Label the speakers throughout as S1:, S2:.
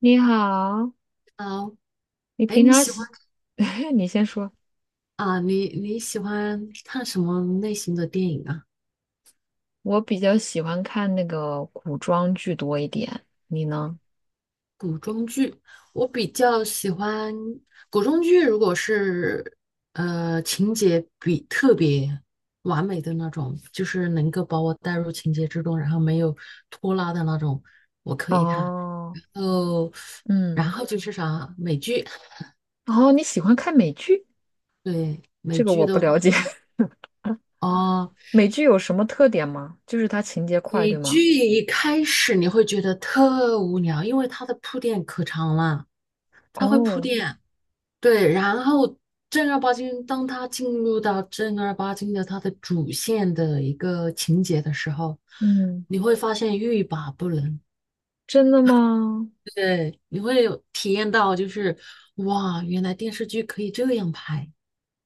S1: 你好，
S2: 啊，
S1: 你
S2: 哎，
S1: 平
S2: 你
S1: 常
S2: 喜欢
S1: 喜，你先说。
S2: 啊？你喜欢看什么类型的电影啊？
S1: 我比较喜欢看那个古装剧多一点，你呢？
S2: 我比较喜欢古装剧，如果是情节比特别完美的那种，就是能够把我带入情节之中，然后没有拖拉的那种，我可以看。
S1: 哦，
S2: 哦，
S1: 嗯，
S2: 然后就是啥美剧，
S1: 哦，你喜欢看美剧？
S2: 对美
S1: 这个
S2: 剧
S1: 我不
S2: 的话，
S1: 了解。
S2: 哦，
S1: 美剧有什么特点吗？就是它情节快，
S2: 美
S1: 对吗？
S2: 剧一开始你会觉得特无聊，因为它的铺垫可长了，它会铺
S1: 哦，
S2: 垫。对，然后正儿八经，当他进入到正儿八经的他的主线的一个情节的时候，
S1: 嗯，
S2: 你会发现欲罢不能。
S1: 真的吗？
S2: 对，你会有体验到，就是哇，原来电视剧可以这样拍，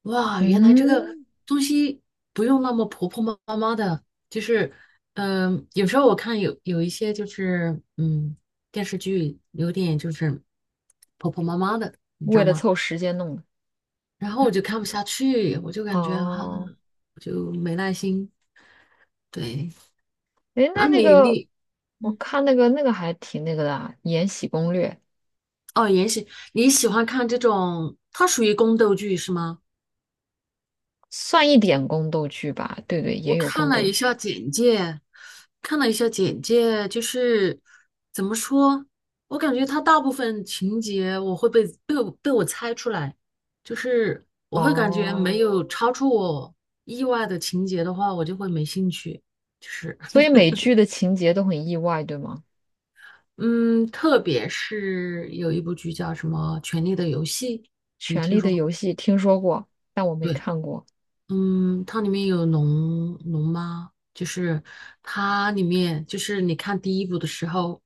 S2: 哇，原来这个
S1: 嗯，
S2: 东西不用那么婆婆妈妈的，就是有时候我看有一些就是电视剧有点就是婆婆妈妈的，你知
S1: 为
S2: 道
S1: 了
S2: 吗？
S1: 凑时间弄的。
S2: 然后我就看不下去，我就感觉哈，啊
S1: 哦，
S2: 我就没耐心。对，
S1: 诶，
S2: 那
S1: 那那
S2: 你
S1: 个，
S2: 你
S1: 我
S2: 嗯，
S1: 看那个还挺那个的啊，《延禧攻略》
S2: 哦，延禧，你喜欢看这种？它属于宫斗剧是吗？
S1: 算一点宫斗剧吧？对对，也
S2: 我
S1: 有
S2: 看
S1: 宫
S2: 了
S1: 斗
S2: 一
S1: 剧。
S2: 下简介，就是怎么说，我感觉它大部分情节我会被我猜出来，就是我会感觉
S1: 哦，
S2: 没有超出我意外的情节的话，我就会没兴趣。就是。
S1: 所以美剧的情节都很意外，对吗？
S2: 嗯，特别是有一部剧叫什么《权力的游戏》，你
S1: 《权
S2: 听
S1: 力
S2: 说
S1: 的
S2: 过吗？
S1: 游戏》听说过，但我没
S2: 对，
S1: 看过。
S2: 嗯，它里面有龙妈，就是它里面就是你看第一部的时候，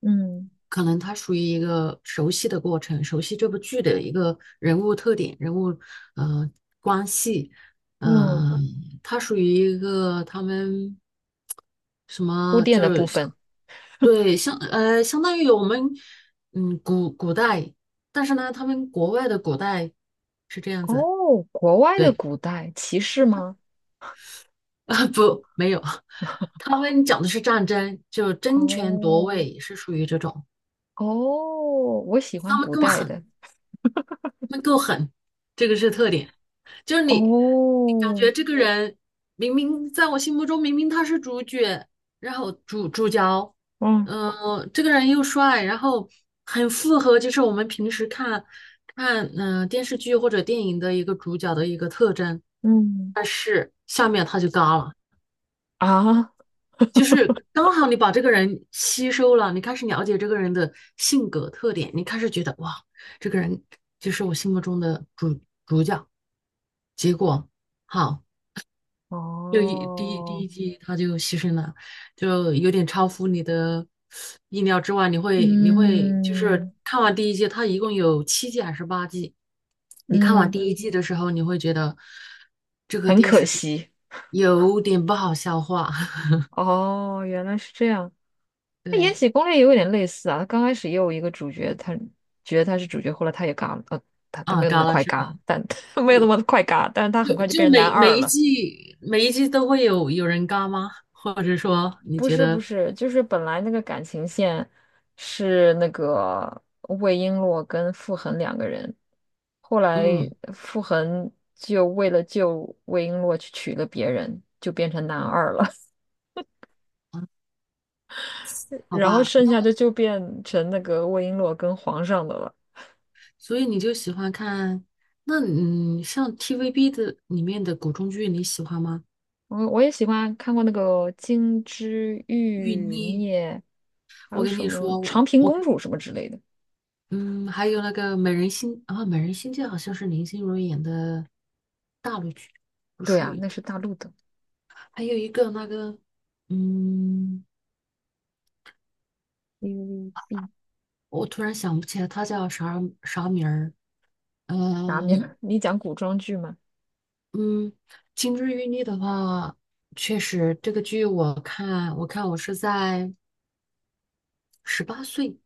S1: 嗯
S2: 可能它属于一个熟悉的过程，熟悉这部剧的一个人物特点、人物呃关系，
S1: 嗯，
S2: 呃，它属于一个他们什
S1: 铺
S2: 么
S1: 垫
S2: 就
S1: 的部
S2: 是像
S1: 分。
S2: 对相当于我们古代，但是呢，他们国外的古代是这样子，
S1: 哦，国外的
S2: 对
S1: 古代骑士吗？
S2: 啊 不没有，他们讲的是战争，就争权
S1: 哦
S2: 夺位是属于这种，
S1: 哦，我喜欢
S2: 他们
S1: 古
S2: 够
S1: 代
S2: 狠，
S1: 的。
S2: 他们够狠，这个是特点。就是你感
S1: 哦，
S2: 觉这个人明明在我心目中明明他是主角，然后主角，
S1: 嗯
S2: 这个人又帅，然后很符合就是我们平时看电视剧或者电影的一个主角的一个特征，
S1: 嗯
S2: 但是下面他就嘎了，
S1: 啊，
S2: 就是刚好你把这个人吸收了，你开始了解这个人的性格特点，你开始觉得哇，这个人就是我心目中的主角，结果好。就一第一第
S1: 哦，
S2: 一季他就牺牲了，就有点超乎你的意料之外。你会就是
S1: 嗯
S2: 看完第一季，它一共有七季还是八季？你看完
S1: 嗯，
S2: 第一季的时候，你会觉得这个
S1: 很
S2: 电
S1: 可
S2: 视剧
S1: 惜。
S2: 有点不好消化。
S1: 哦，原来是这样。那《延
S2: 对，
S1: 禧攻略》也有点类似啊，刚开始也有一个主角，他觉得他是主角，后来他也嘎了，他
S2: 啊，
S1: 没有那么
S2: 嘎了
S1: 快
S2: 是
S1: 嘎，
S2: 吧？
S1: 但 没有那么快嘎，但是他很
S2: 就
S1: 快就
S2: 就
S1: 变成男
S2: 每每
S1: 二
S2: 一
S1: 了。
S2: 季每一季都会有人嘎吗？或者说你
S1: 不
S2: 觉
S1: 是不
S2: 得
S1: 是，就是本来那个感情线是那个魏璎珞跟傅恒两个人，后来
S2: 嗯
S1: 傅恒就为了救魏璎珞去娶了别人，就变成男二了，
S2: 嗯 好
S1: 然后
S2: 吧？
S1: 剩下的就变成那个魏璎珞跟皇上的了。
S2: 所以你就喜欢看，那像 TVB 的里面的古装剧，你喜欢吗？
S1: 我也喜欢看过那个《金枝
S2: 玉
S1: 欲
S2: 妮，
S1: 孽》，还
S2: 我
S1: 有
S2: 跟
S1: 什
S2: 你
S1: 么
S2: 说，
S1: 《长
S2: 我
S1: 平
S2: 我
S1: 公主》什么之类的。
S2: 嗯，还有那个美人心啊，美人心计好像是林心如演的大陆剧，不
S1: 对
S2: 属
S1: 啊，
S2: 于，
S1: 那是大陆的
S2: 还有一个那个嗯，
S1: TVB。
S2: 我突然想不起来她叫啥名儿，
S1: 啥
S2: 呃
S1: 名？你讲古装剧吗？
S2: 嗯，金枝玉孽的话，确实这个剧我是在18岁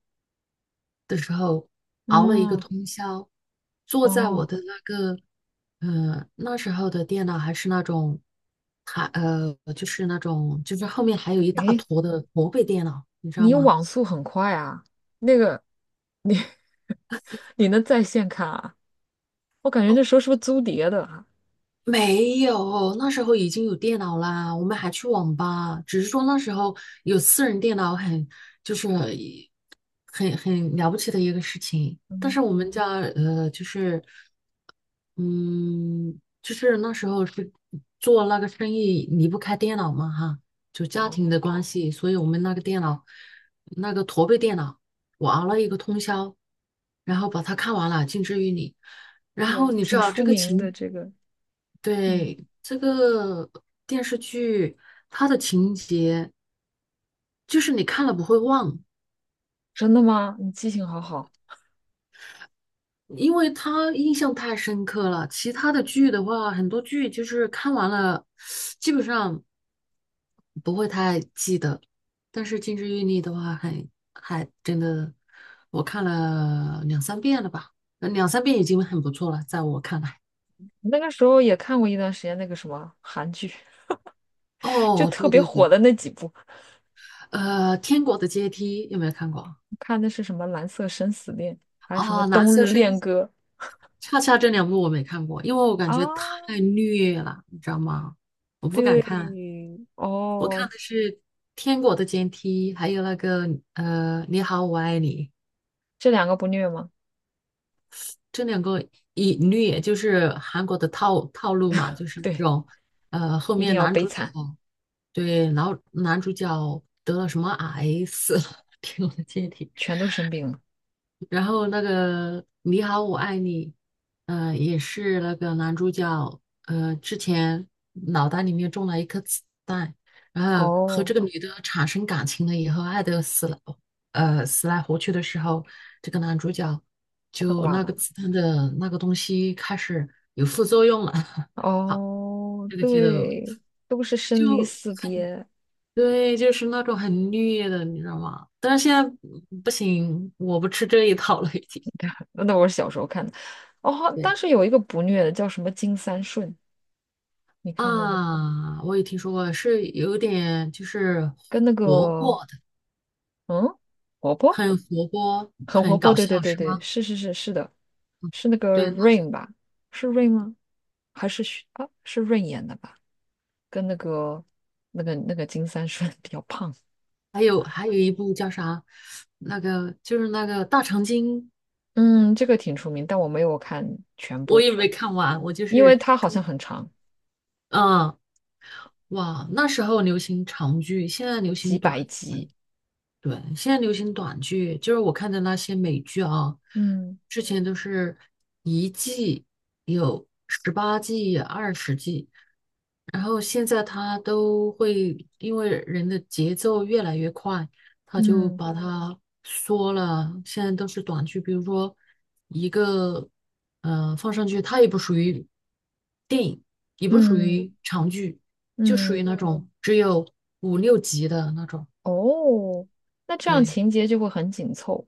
S2: 的时候，熬了一个
S1: 哦
S2: 通宵，坐在我
S1: 哦，
S2: 的那个，那时候的电脑还是那种，就是那种，就是后面还有一大
S1: 诶，
S2: 坨的驼背电脑，你知道
S1: 你
S2: 吗？
S1: 网速很快啊，那个你能在线看啊？我感觉那时候是不是租碟的啊？
S2: 没有，那时候已经有电脑啦，我们还去网吧，只是说那时候有私人电脑很，就是一很了不起的一个事情。但是
S1: 嗯，
S2: 我们家就是嗯，就是那时候是做那个生意离不开电脑嘛哈，就家庭
S1: 哦，
S2: 的关系，所以我们那个电脑，那个驼背电脑，我熬了一个通宵，然后把它看完了，《近之于你》，然后
S1: 对，
S2: 你知
S1: 挺
S2: 道
S1: 出
S2: 这个
S1: 名的
S2: 情。
S1: 这个，嗯，
S2: 对，这个电视剧，它的情节就是你看了不会忘，
S1: 真的吗？你记性好好。
S2: 因为它印象太深刻了。其他的剧的话，很多剧就是看完了，基本上不会太记得。但是《金枝欲孽》的话还，还真的，我看了两三遍了吧，两三遍已经很不错了，在我看来。
S1: 那个时候也看过一段时间那个什么韩剧，就
S2: 哦，
S1: 特
S2: 对
S1: 别
S2: 对
S1: 火
S2: 对，
S1: 的那几部。
S2: 《天国的阶梯》有没有看过？
S1: 看的是什么《蓝色生死恋》，还有什么
S2: 哦，蓝
S1: 《冬
S2: 色
S1: 日
S2: 生
S1: 恋歌》
S2: 恰恰这两部我没看过，因为我感觉
S1: 啊？
S2: 太虐了，你知道吗？我不敢
S1: 对，
S2: 看，我
S1: 哦，
S2: 看的是《天国的阶梯》，还有那个《你好，我爱你》，
S1: 这两个不虐吗？
S2: 这两个一虐就是韩国的套路嘛，就是那
S1: 对，
S2: 种后
S1: 一定
S2: 面
S1: 要
S2: 男
S1: 悲
S2: 主角
S1: 惨，
S2: 对，然后男主角得了什么癌死了，《天国的阶梯》
S1: 全都生病了。
S2: 然后那个《你好，我爱你》，也是那个男主角，之前脑袋里面中了一颗子弹，然后和
S1: 哦，
S2: 这个女的产生感情了以后，爱得死了，死来活去的时候，这个男主角
S1: 快
S2: 就
S1: 挂
S2: 那个
S1: 了。
S2: 子弹的那个东西开始有副作用了，
S1: 哦，
S2: 这个剧都
S1: 对，都是生离
S2: 就
S1: 死别。
S2: 对，就是那种很虐的，你知道吗？但是现在不行，我不吃这一套了，已经。
S1: 那我是小时候看的。哦，但
S2: 对。
S1: 是有一个不虐的叫什么《金三顺》，你看过吗？
S2: 啊，我也听说过，是有点就是
S1: 跟那
S2: 活
S1: 个
S2: 泼的，
S1: 嗯，婆婆
S2: 很活泼，
S1: 很活
S2: 很
S1: 泼，
S2: 搞
S1: 对对
S2: 笑，
S1: 对
S2: 是
S1: 对，
S2: 吗？
S1: 是是是是的，是那个
S2: 对，那是
S1: Rain 吧？是 Rain 吗？还是许啊？是 Rain 演的吧？跟那个那个金三顺 比较胖。
S2: 还有一部叫啥？那个就是那个大长今，
S1: 嗯，这个挺出名，但我没有看全
S2: 我
S1: 部，
S2: 也没看完，我就
S1: 因为
S2: 是，
S1: 它好像很长。
S2: 嗯，哇，那时候流行长剧，现在流行短。对，现在流行短剧，就是我看的那些美剧啊，
S1: 嗯
S2: 之前都是一季有18季、20季，然后现在它都会因为人的节奏越来越快，它就
S1: 嗯
S2: 把它缩了。现在都是短剧，比如说一个放上去，它也不属于电影，也不属
S1: 嗯
S2: 于长剧，就属于
S1: 嗯，
S2: 那种只有五六集的那种。
S1: 哦，那这样
S2: 对，
S1: 情节就会很紧凑。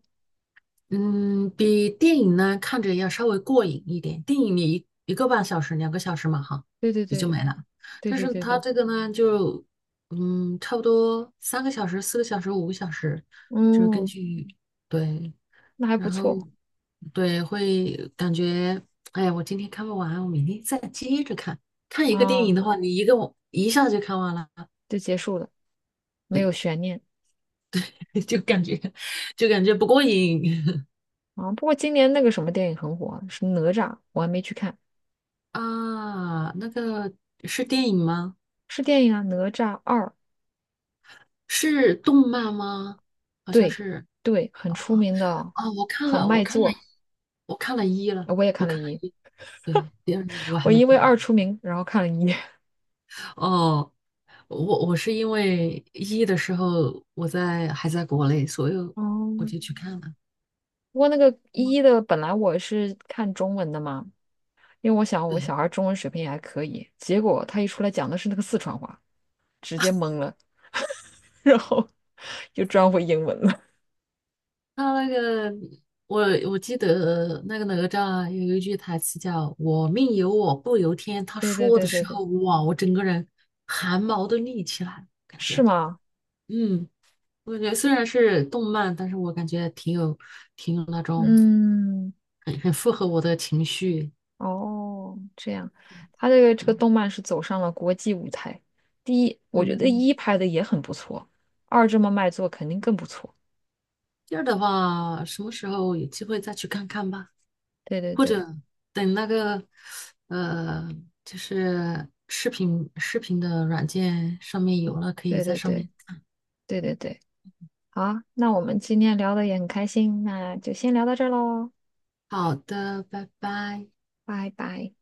S2: 嗯，比电影呢看着要稍微过瘾一点。电影你1个半小时、2个小时嘛，哈，
S1: 对对
S2: 也就
S1: 对
S2: 没了。
S1: 对
S2: 但
S1: 对
S2: 是
S1: 对
S2: 它
S1: 对，
S2: 这个呢，就差不多3个小时、4个小时、5个小时，就是根
S1: 嗯，
S2: 据对，
S1: 那还不
S2: 然后
S1: 错
S2: 对会感觉，哎，我今天看不完，我明天再接着看。看一个电影
S1: 啊，
S2: 的话，你一个我一下就看完了，
S1: 就结束了，没
S2: 对，
S1: 有悬念。
S2: 就感觉就感觉不过瘾
S1: 啊，不过今年那个什么电影很火啊是哪吒，我还没去看，
S2: 啊。那个是电影吗？
S1: 是电影啊，《哪吒二》，
S2: 是动漫吗？好像
S1: 对，
S2: 是
S1: 对，很出名的，
S2: 哦，我看
S1: 很
S2: 了，我
S1: 卖
S2: 看了，
S1: 座。
S2: 我看了一了，
S1: 呃我也
S2: 我
S1: 看了
S2: 看了
S1: 一，
S2: 一，对，第二我
S1: 我
S2: 还没
S1: 因为
S2: 看。
S1: 二出名，然后看了一。
S2: 哦，我是因为一的时候我在还在国内，所以
S1: 哦，
S2: 我就去看了。
S1: 不过那个
S2: 嗯
S1: 一的本来我是看中文的嘛，因为我想我
S2: 对，
S1: 小孩中文水平也还可以，结果他一出来讲的是那个四川话，直接懵了，然后就转回英文了。
S2: 他那个我我记得那个哪吒啊有一句台词叫"我命由我不由天"，他
S1: 对对
S2: 说的
S1: 对对
S2: 时
S1: 对，
S2: 候，哇，我整个人汗毛都立起来感
S1: 是
S2: 觉
S1: 吗？
S2: 嗯。我感觉虽然是动漫，但是我感觉挺有那种
S1: 嗯。
S2: 很符合我的情绪。
S1: 哦，这样，他这个这个动漫是走上了国际舞台。第一，我觉得
S2: 嗯，
S1: 一拍的也很不错，二这么卖座肯定更不错。
S2: 第二的话，什么时候有机会再去看看吧，
S1: 对对
S2: 或
S1: 对
S2: 者等那个呃，就是视频的软件上面有了，可以
S1: 对
S2: 在
S1: 对
S2: 上
S1: 对
S2: 面。
S1: 对对对，好啊那我们今天聊的也很开心，那就先聊到这儿喽，
S2: 好的，拜拜。
S1: 拜拜。